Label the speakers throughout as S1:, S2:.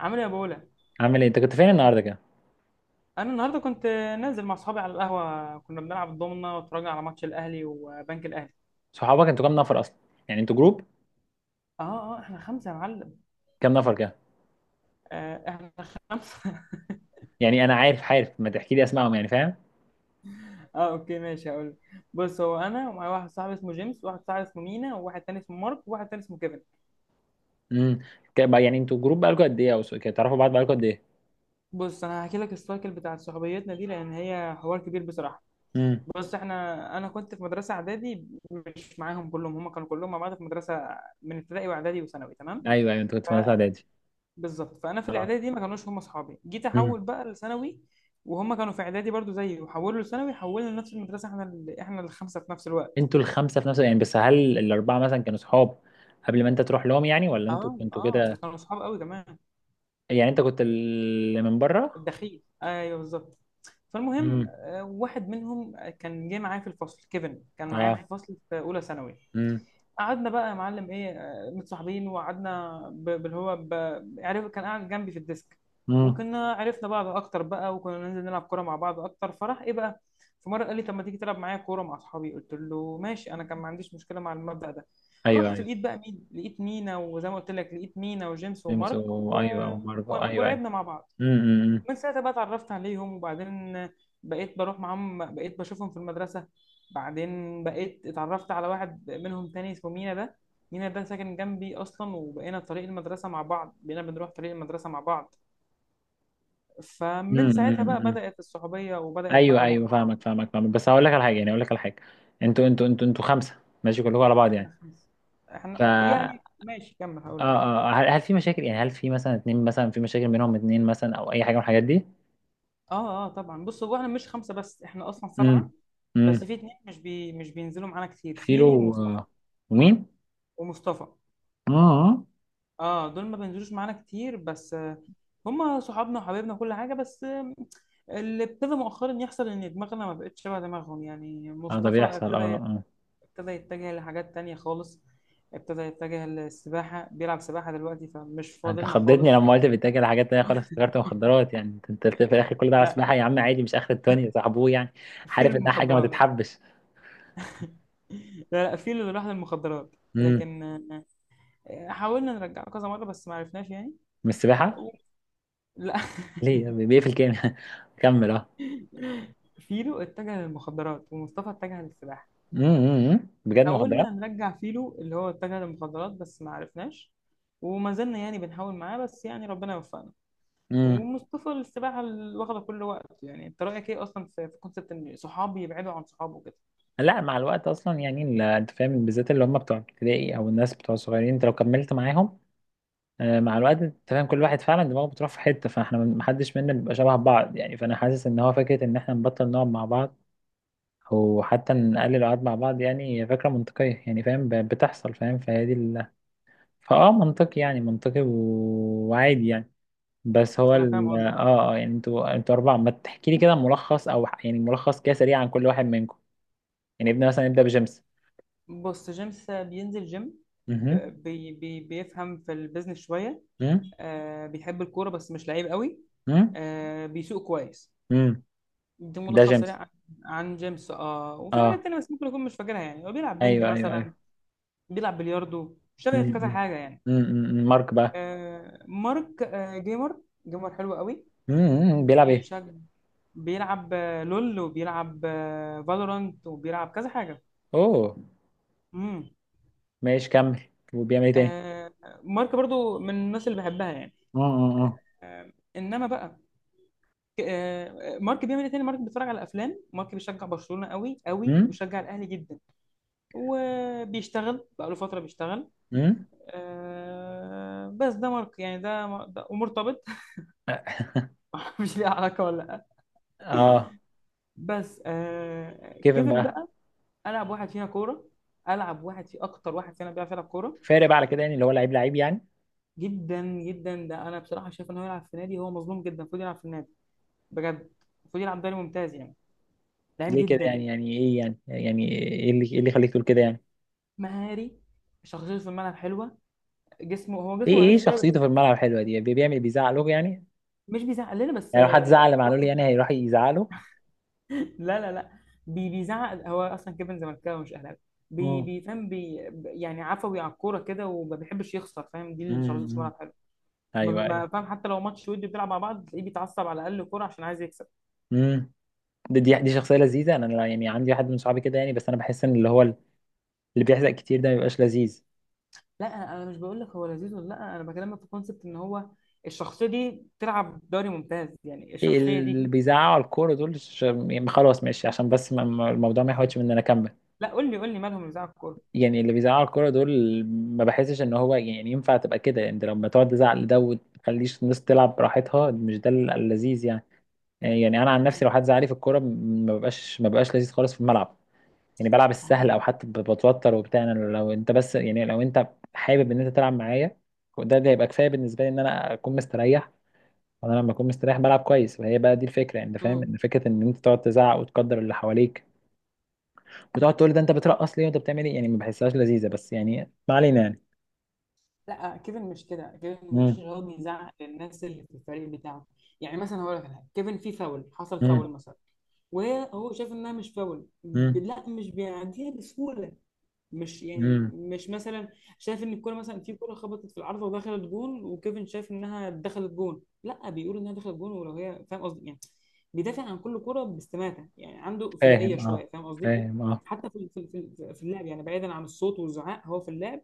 S1: عامل ايه يا بولا؟
S2: عامل ايه؟ انت كنت فين النهارده كده؟
S1: انا النهارده كنت نازل مع اصحابي على القهوه، كنا بنلعب الضمنه واتفرجنا على ماتش الاهلي وبنك الاهلي.
S2: صحابك انتوا كام نفر اصلا؟ يعني انتوا جروب؟
S1: اه اه، احنا خمسه يا معلم.
S2: كام نفر كده؟
S1: احنا خمسه.
S2: يعني انا عارف عارف، ما تحكي لي اسمائهم يعني، فاهم؟
S1: اه اوكي ماشي هقول. بص، هو انا ومعايا واحد صاحبي اسمه جيمس، وواحد صاحبي اسمه مينا، وواحد تاني اسمه مارك، وواحد تاني اسمه كيفن.
S2: امم. يعني انتوا جروب بقالكوا قد ايه؟ او كده تعرفوا بعض بقالكوا قد ايه؟
S1: بص انا هحكي لك السايكل بتاع صحوبيتنا دي، لان هي حوار كبير بصراحه.
S2: امم.
S1: بص احنا، انا كنت في مدرسه اعدادي مش معاهم كلهم، هم كانوا كلهم مع بعض في مدرسه من ابتدائي واعدادي وثانوي، تمام؟
S2: ايوه، ايوه، انتوا كنتوا في مدرسه اعدادي؟
S1: بالظبط. فانا في
S2: اه.
S1: الاعدادي ما كانوش هم اصحابي، جيت
S2: امم.
S1: احول بقى لثانوي، وهم كانوا في اعدادي برضو زيي، وحولوا لثانوي، حولنا لنفس المدرسه احنا ال... احنا الخمسه في نفس الوقت.
S2: انتوا الخمسه في نفس، يعني بس هل الاربعه مثلا كانوا صحاب قبل ما انت تروح لهم يعني؟ ولا انتوا
S1: اه
S2: كنتوا
S1: اه، دول
S2: كده؟
S1: كانوا اصحاب قوي كمان.
S2: يعني انت كنت اللي من بره؟
S1: الدخيل، ايوه بالظبط. فالمهم
S2: امم.
S1: واحد منهم كان جه معايا في الفصل، كيفن كان معايا
S2: اه.
S1: في الفصل في اولى ثانوي.
S2: امم.
S1: قعدنا بقى يا معلم ايه متصاحبين، وقعدنا ب- باللي هو ب... عرف كان قاعد جنبي في الديسك،
S2: امم.
S1: وكنا عرفنا بعض اكتر بقى، وكنا ننزل نلعب كوره مع بعض اكتر، فراح ايه بقى. في مره قال لي: طب ما تيجي تلعب معايا كوره مع اصحابي؟ قلت له ماشي، انا كان ما عنديش مشكله مع المبدأ ده.
S2: ايوه،
S1: رحت
S2: ايوه،
S1: لقيت بقى مين؟ لقيت مينا، وزي ما قلت لك لقيت مينا وجيمس ومارك و...
S2: ايوه، وماركو،
S1: و...
S2: ايوه، ايوه.
S1: ولعبنا مع بعض.
S2: امم. امم.
S1: من ساعتها بقى اتعرفت عليهم وبعدين بقيت بروح معاهم، بقيت بشوفهم في المدرسة. بعدين بقيت اتعرفت على واحد منهم تاني اسمه مينا ده. مينا ده ساكن جنبي أصلا، وبقينا طريق المدرسة مع بعض، بقينا بنروح طريق المدرسة مع بعض.
S2: امم.
S1: فمن
S2: أمم،
S1: ساعتها بقى
S2: أمم.
S1: بدأت الصحوبية وبدأت
S2: ايوه،
S1: بقى
S2: ايوه،
S1: الموضوع.
S2: فاهمك فاهمك فاهمك، بس هقول لك على حاجه، يعني هقول لك على حاجه. انتوا خمسه، ماشي كلكم على بعض
S1: احنا
S2: يعني؟
S1: خمسة.
S2: ف
S1: احنا
S2: اه
S1: يعني ماشي، كمل هقول لك.
S2: اه آه، هل في مشاكل يعني، هل في مثلا اتنين مثلا في مشاكل بينهم، اتنين مثلا او اي حاجه من الحاجات دي؟
S1: اه اه طبعا. بص هو احنا مش خمسة بس، احنا أصلا
S2: امم.
S1: سبعة.
S2: امم.
S1: بس في اتنين مش بينزلوا معانا كتير:
S2: فيلو
S1: فيلو
S2: و-
S1: ومصطفى.
S2: ومين؟
S1: ومصطفى
S2: اه،
S1: اه، دول ما بينزلوش معانا كتير بس هما صحابنا وحبايبنا وكل حاجه، بس اللي ابتدى مؤخرا يحصل ان دماغنا ما بقتش شبه دماغهم. يعني
S2: اه، ده
S1: مصطفى
S2: بيحصل، اه،
S1: ابتدى،
S2: اه.
S1: يتجه لحاجات تانية خالص، ابتدى يتجه للسباحة، بيلعب سباحة دلوقتي، فمش
S2: انت
S1: فاضلنا
S2: خضتني
S1: خالص.
S2: لما قلت بيتاكل حاجات تانية خالص، افتكرت مخدرات يعني. انت في الاخر كل ده على
S1: لا،
S2: سباحه يا عم، عادي، مش اخر الدنيا صاحبوه يعني.
S1: في
S2: عارف انها حاجه ما
S1: للمخدرات.
S2: تتحبش.
S1: لا لا، في اللي راح للمخدرات،
S2: امم.
S1: لكن حاولنا نرجعه كذا مرة بس ما عرفناش يعني.
S2: من السباحه؟
S1: لا.
S2: ليه بيقفل كام؟ كمل، اه.
S1: فيلو اتجه للمخدرات ومصطفى اتجه للسباحة.
S2: امم، بجد مخدرات؟
S1: حاولنا نرجع فيلو اللي هو اتجه للمخدرات، بس ما عرفناش، وما زلنا يعني بنحاول معاه، بس يعني ربنا وفقنا.
S2: امم.
S1: ومصطفى السباحة اللي واخدة كل وقت. يعني انت رأيك ايه اصلا في في كونسبت ان صحابي يبعدوا عن صحابه كده؟
S2: لا، مع الوقت اصلا يعني انت فاهم، بالذات اللي هم بتوع ابتدائي او الناس بتوع صغيرين، انت لو كملت معاهم، مع الوقت، انت فاهم، كل واحد فعلا دماغه بتروح في حته، فاحنا محدش منا بيبقى شبه بعض يعني، فانا حاسس ان هو فكره ان احنا نبطل نقعد مع بعض، او حتى نقلل القعد مع بعض. يعني هي فكره منطقيه يعني، فاهم، بتحصل، فاهم، فهي دي فاه منطقي، يعني منطقي وعادي يعني. بس هو
S1: انا فاهم
S2: ال...
S1: قصدي.
S2: اه اه يعني انتوا اربعه، ما تحكي لي كده ملخص او يعني ملخص كده سريع عن كل واحد منكم؟ يعني ابني مثلا يبدأ بجيمس؟
S1: بص جيمس بينزل جيم، ب-
S2: مهم.
S1: بي بي بيفهم في البيزنس شوية.
S2: مم.
S1: آه بيحب الكورة بس مش لعيب قوي.
S2: مم.
S1: آه بيسوق كويس.
S2: مم.
S1: ده
S2: ده
S1: ملخص
S2: جيمس؟
S1: سريع عن، عن جيمس. اه وفي
S2: اه،
S1: حاجات تانية بس ممكن يكون مش فاكرها، يعني هو بيلعب بنج
S2: ايوه، ايوه،
S1: مثلا،
S2: ايوه.
S1: بيلعب بلياردو،
S2: مم.
S1: شغال في كذا
S2: مم.
S1: حاجه يعني.
S2: مم. مم. مارك بقى؟
S1: مارك جيمر، جيمر حلو قوي.
S2: مم. مم. بيلعب ايه؟
S1: بيشجع، بيلعب لول، وبيلعب فالورانت، وبيلعب كذا حاجه.
S2: اوه.
S1: امم.
S2: ماشي، كمل. وبيعمل ايه تاني؟
S1: آه، مارك برضو من الناس اللي بحبها يعني.
S2: اه، اه، اه.
S1: انما بقى، مارك بيعمل ايه تاني؟ مارك بيتفرج على افلام، مارك بيشجع برشلونه قوي قوي،
S2: مم.
S1: وبيشجع الاهلي جدا، وبيشتغل بقى له فتره بيشتغل.
S2: مم.
S1: بس ده مارك يعني، ده ومرتبط. مش ليه علاقه ولا.
S2: اه،
S1: بس آه،
S2: كيفن
S1: كيفن
S2: بقى؟
S1: بقى. العب واحد فيها كوره، العب واحد، في اكتر واحد فينا بيعرف يلعب كوره.
S2: فارق بقى على كده يعني، اللي هو لعيب لعيب يعني؟
S1: جدا جدا، ده انا بصراحه شايف ان هو يلعب في نادي، هو مظلوم جدا، المفروض يلعب في النادي. بجد، المفروض يلعب دوري ممتاز يعني، لعيب
S2: ليه كده
S1: جدا.
S2: يعني؟ يعني ايه يعني؟ يعني ايه اللي يخليك تقول كده يعني؟
S1: مهاري، شخصيته في الملعب حلوه، جسمه، هو
S2: ايه
S1: جسمه ضعيف
S2: ايه
S1: شويه
S2: شخصيته
S1: بس.
S2: في الملعب الحلوه دي، بيعمل، بيزعق له يعني؟
S1: مش بيزعق لنا، بس
S2: يعني لو حد زعل معلول
S1: واحد...
S2: يعني هيروح يزعله؟
S1: لا لا لا، بيزعق. هو اصلا كيفن زملكاوي مش اهلاوي. بي
S2: امم.
S1: بيفهم بي يعني عفوي على الكوره كده، وما بيحبش يخسر، فاهم؟ دي اللي شخصيته في
S2: امم.
S1: الملعب.
S2: ايوه.
S1: فاهم، حتى لو ماتش ودي بتلعب مع بعض، تلاقيه بيتعصب على اقل كوره عشان عايز يكسب.
S2: ايوه. دي شخصية لذيذة، أنا يعني عندي واحد من صحابي كده يعني، بس أنا بحس إن اللي هو اللي بيحزق كتير ده ما بيبقاش لذيذ.
S1: لا انا، مش بقول لك هو لذيذ ولا لا، انا بكلمك في كونسبت ان هو الشخصيه دي تلعب دوري ممتاز يعني،
S2: إيه
S1: الشخصيه دي.
S2: اللي بيزعقوا على الكورة دول؟ يعني خلاص، ماشي، عشان بس الموضوع ما يحاولش من إن أنا أكمل.
S1: لا قول لي، مالهم يزعق الكوره؟
S2: يعني اللي بيزعقوا على الكورة دول ما بحسش إن هو يعني ينفع تبقى كده. يعني أنت لما تقعد تزعق لده وتخليش الناس تلعب براحتها، مش ده اللذيذ يعني؟ يعني أنا عن نفسي، لو حد زعق لي في الكورة ما ببقاش لذيذ خالص في الملعب. يعني بلعب
S1: هو
S2: السهل، او حتى بتوتر وبتاع، انا لو انت، بس يعني لو انت حابب ان انت تلعب معايا، وده يبقى كفايه بالنسبه لي ان انا اكون مستريح. وانا لما اكون مستريح بلعب كويس، وهي بقى دي الفكره، انت فاهم
S1: امم،
S2: ان فكره ان انت تقعد تزعق وتقدر اللي حواليك، وتقعد تقول ده انت بترقص ليه وانت بتعمل ايه، يعني ما بحسهاش لذيذه، بس يعني ما علينا يعني.
S1: لا كيفن مش كده، كيفن مش
S2: امم.
S1: اللي هو بيزعق للناس اللي في الفريق بتاعه. يعني مثلا هقول لك على حاجه: كيفن في فاول حصل، فاول
S2: امم.
S1: مثلا، وهو شايف انها مش فاول، ب-
S2: امم.
S1: لا مش بيعديها بسهوله. مش يعني،
S2: امم.
S1: مش مثلا شايف ان الكوره، مثلا في كوره خبطت في العارضه ودخلت جون، وكيفن شايف انها دخلت جون، لا بيقول انها دخلت جون، ولو هي فاهم قصدي يعني. بيدافع عن كل كوره باستماتة، يعني عنده فدائيه
S2: فاهم، اه.
S1: شويه، فاهم قصدي؟
S2: فاهم، اه.
S1: حتى في في اللعب يعني، بعيدا عن الصوت والزعاق، هو في اللعب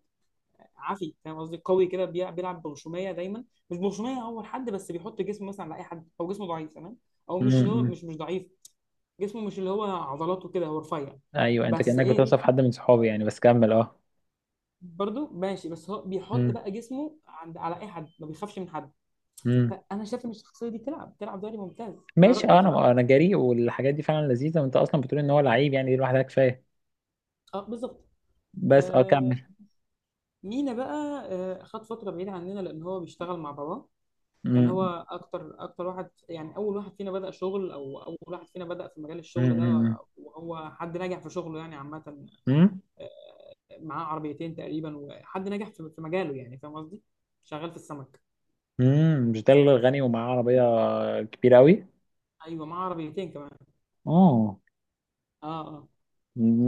S1: عافي، فاهم قصدي؟ قوي كده، بيلعب بغشوميه دايما، مش بغشوميه اول حد، بس بيحط جسمه مثلا على اي حد، او جسمه ضعيف تمام، او مش اللي هو،
S2: امم.
S1: مش ضعيف، جسمه مش اللي هو، عضلاته كده هو رفيع.
S2: ايوه، انت
S1: بس
S2: كانك
S1: ايه،
S2: بتوصف حد من صحابي يعني، بس كمل، اه.
S1: برضو ماشي، بس هو بيحط بقى جسمه عند على اي حد، ما بيخافش من حد.
S2: امم.
S1: فانا شايف ان الشخصيه دي تلعب دوري ممتاز. ده
S2: ماشي،
S1: رايي
S2: اه،
S1: بصراحه.
S2: انا جريء، والحاجات دي فعلا لذيذه، وانت اصلا بتقول ان هو لعيب، يعني دي لوحدها كفايه.
S1: اه بالظبط.
S2: بس، اه،
S1: آه،
S2: كمل.
S1: مينا بقى. آه خد فتره بعيده عننا لان هو بيشتغل مع باباه. يعني هو
S2: امم.
S1: اكتر اكتر واحد يعني اول واحد فينا بدا شغل، او اول واحد فينا بدا في مجال الشغل ده،
S2: امم.
S1: وهو حد ناجح في شغله يعني عامه.
S2: امم.
S1: آه، معاه عربيتين تقريبا، وحد ناجح في في مجاله، يعني فاهم قصدي، شغال في السمك.
S2: امم. مش ده اللي غني ومعاه عربيه كبيره قوي؟
S1: ايوه معاه عربيتين كمان.
S2: اه.
S1: اه اه.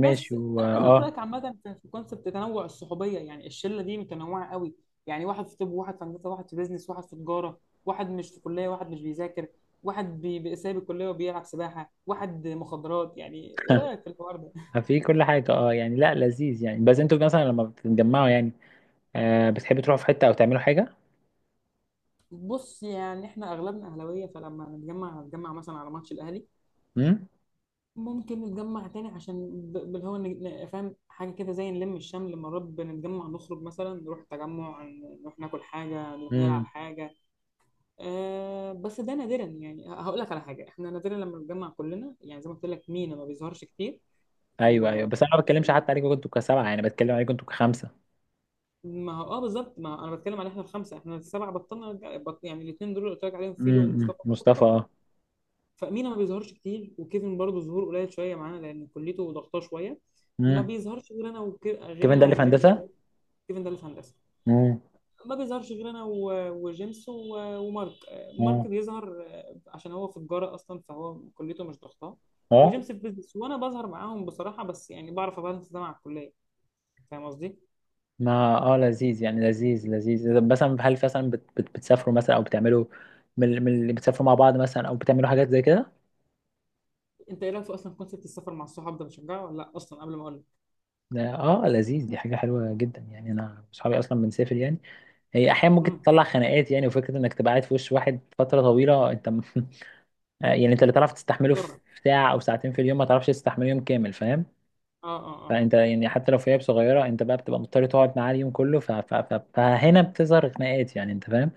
S2: ماشي.
S1: بس
S2: و
S1: انا عايز
S2: اه
S1: اخد رايك عامه في في كونسبت تنوع الصحوبيه، يعني الشله دي متنوعه قوي: يعني واحد في طب، وواحد في هندسه، واحد في بيزنس، واحد في تجاره، واحد مش في كليه، واحد مش بيذاكر، واحد بي- بي- سايب الكليه وبيلعب سباحه، واحد مخدرات، يعني ايه رايك في الحوار ده؟
S2: في كل حاجه، اه يعني، لا لذيذ يعني، بس انتوا مثلا لما بتتجمعوا يعني، بتحبوا تروحوا في حته او تعملوا حاجه؟
S1: بص يعني احنا اغلبنا اهلاويه، فلما نتجمع نتجمع مثلا على ماتش الاهلي.
S2: امم.
S1: ممكن نتجمع تاني عشان، ب- اللي هو، نج- ن- فاهم حاجه كده زي نلم الشمل. مرات بنتجمع نخرج مثلا، نروح تجمع، نروح ناكل حاجه، نروح نلعب
S2: امم.
S1: حاجه. آه بس ده نادرا، يعني هقول لك على حاجه: احنا نادرا لما بنتجمع كلنا، يعني زي ما قلت لك مينا ما بيظهرش كتير. و
S2: ايوه، ايوه، بس انا ما بتكلمش حتى عليكم انتوا كسبعه، يعني بتكلم عليكم انتوا كخمسه.
S1: ما هو اه بالظبط. ما هو انا بتكلم على احنا الخمسه، احنا السبعه بطلنا نرجع- بط... يعني الاثنين دول اللي قلت لك عليهم فيلو
S2: امم،
S1: ومصطفى دول
S2: مصطفى،
S1: بطلوا.
S2: اه.
S1: فمينا ما بيظهرش كتير، وكيفن برضه ظهور قليل شويه معانا لان كليته ضغطاه شويه. ما
S2: امم،
S1: بيظهرش غير انا وك... غير
S2: كمان ده
S1: انا
S2: اللي في
S1: وجيمس.
S2: هندسه؟
S1: وكيفن ده اللي في هندسه. ما بيظهرش غير انا و- وجيمس و- ومارك. مارك
S2: امم.
S1: بيظهر عشان هو في تجاره اصلا، فهو كليته مش ضغطاه.
S2: اه،
S1: وجيمس في بيزنس. وانا بظهر معاهم بصراحه، بس يعني بعرف ابالانس ده مع الكليه، فاهم قصدي؟
S2: ما لذيذ يعني، لذيذ لذيذ، طب مثلا هل مثلا بتسافروا مثلا او بتعملوا، من اللي بتسافروا مع بعض مثلا او بتعملوا حاجات زي كده؟
S1: انت ايه رايك في اصلا كونسيبت السفر مع الصحاب ده، بتشجعه ولا لا اصلا؟ قبل ما اقول لك.
S2: ده لذيذ، دي حاجه حلوه جدا، يعني انا اصحابي اصلا بنسافر يعني. هي احيانا ممكن
S1: امم.
S2: تطلع خناقات يعني، وفكره انك تبقى قاعد في وش واحد فتره طويله، يعني انت اللي تعرف تستحمله في
S1: مضطر.
S2: ساعه او ساعتين في اليوم، ما تعرفش تستحمله يوم كامل، فاهم؟
S1: اه اه اه.
S2: فانت يعني حتى لو في عيب صغيره، انت بقى بتبقى مضطر تقعد معاه اليوم كله، فهنا بتظهر خناقات يعني، انت فاهم.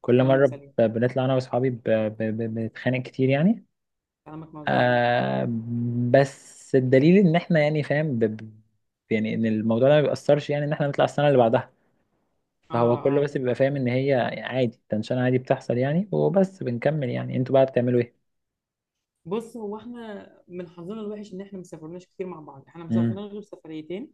S2: كل
S1: كلامك
S2: مرة،
S1: سليم.
S2: بنطلع أنا وأصحابي بنتخانق كتير يعني.
S1: كلامك موزون.
S2: آه بس الدليل إن إحنا يعني، فاهم، يعني إن الموضوع ده ما بيأثرش، يعني إن إحنا نطلع السنة اللي بعدها.
S1: اه
S2: فهو كله
S1: اه.
S2: بس بيبقى فاهم إن هي عادي تنشان، عادي بتحصل يعني، وبس بنكمل. يعني أنتوا بقى بتعملوا إيه؟
S1: بص هو احنا من حظنا الوحش ان احنا ما سافرناش كتير مع بعض، احنا ما
S2: مم.
S1: سافرناش غير سفريتين.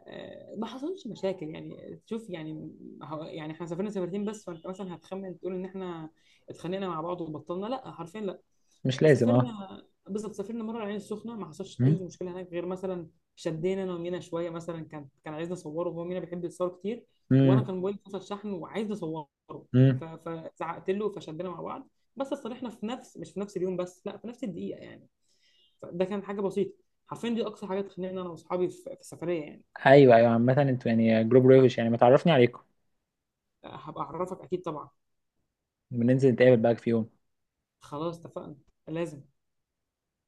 S1: ما حصلش مشاكل يعني، شوف يعني، يعني احنا سافرنا سفرتين بس، فانت مثلا هتخمن تقول ان احنا اتخانقنا مع بعض وبطلنا، لا حرفيا لا،
S2: مش لازم، أه.
S1: سافرنا. بالظبط، سافرنا مره العين السخنه، ما حصلش
S2: مم.
S1: اي مشكله هناك غير مثلا شدينا انا ومينا شويه مثلا، كان عايزنا نصوره، وهو مينا بيحب يتصور كتير، وانا
S2: مم.
S1: كان موبايلي فصل شحن، وعايز نصوره،
S2: مم.
S1: فزعقت له فشدينا مع بعض، بس اتصالحنا في نفس، مش في نفس اليوم بس، لا في نفس الدقيقه يعني. ده كان حاجه بسيطه، حرفيا دي اقصى حاجه تخليني انا واصحابي في في السفريه يعني.
S2: أيوه، أيوه، عامة أنتوا يعني جروب روش، يعني ما تعرفني عليكم.
S1: هبقى اعرفك اكيد طبعا.
S2: بننزل نتقابل بقى في يوم.
S1: خلاص اتفقنا. لازم.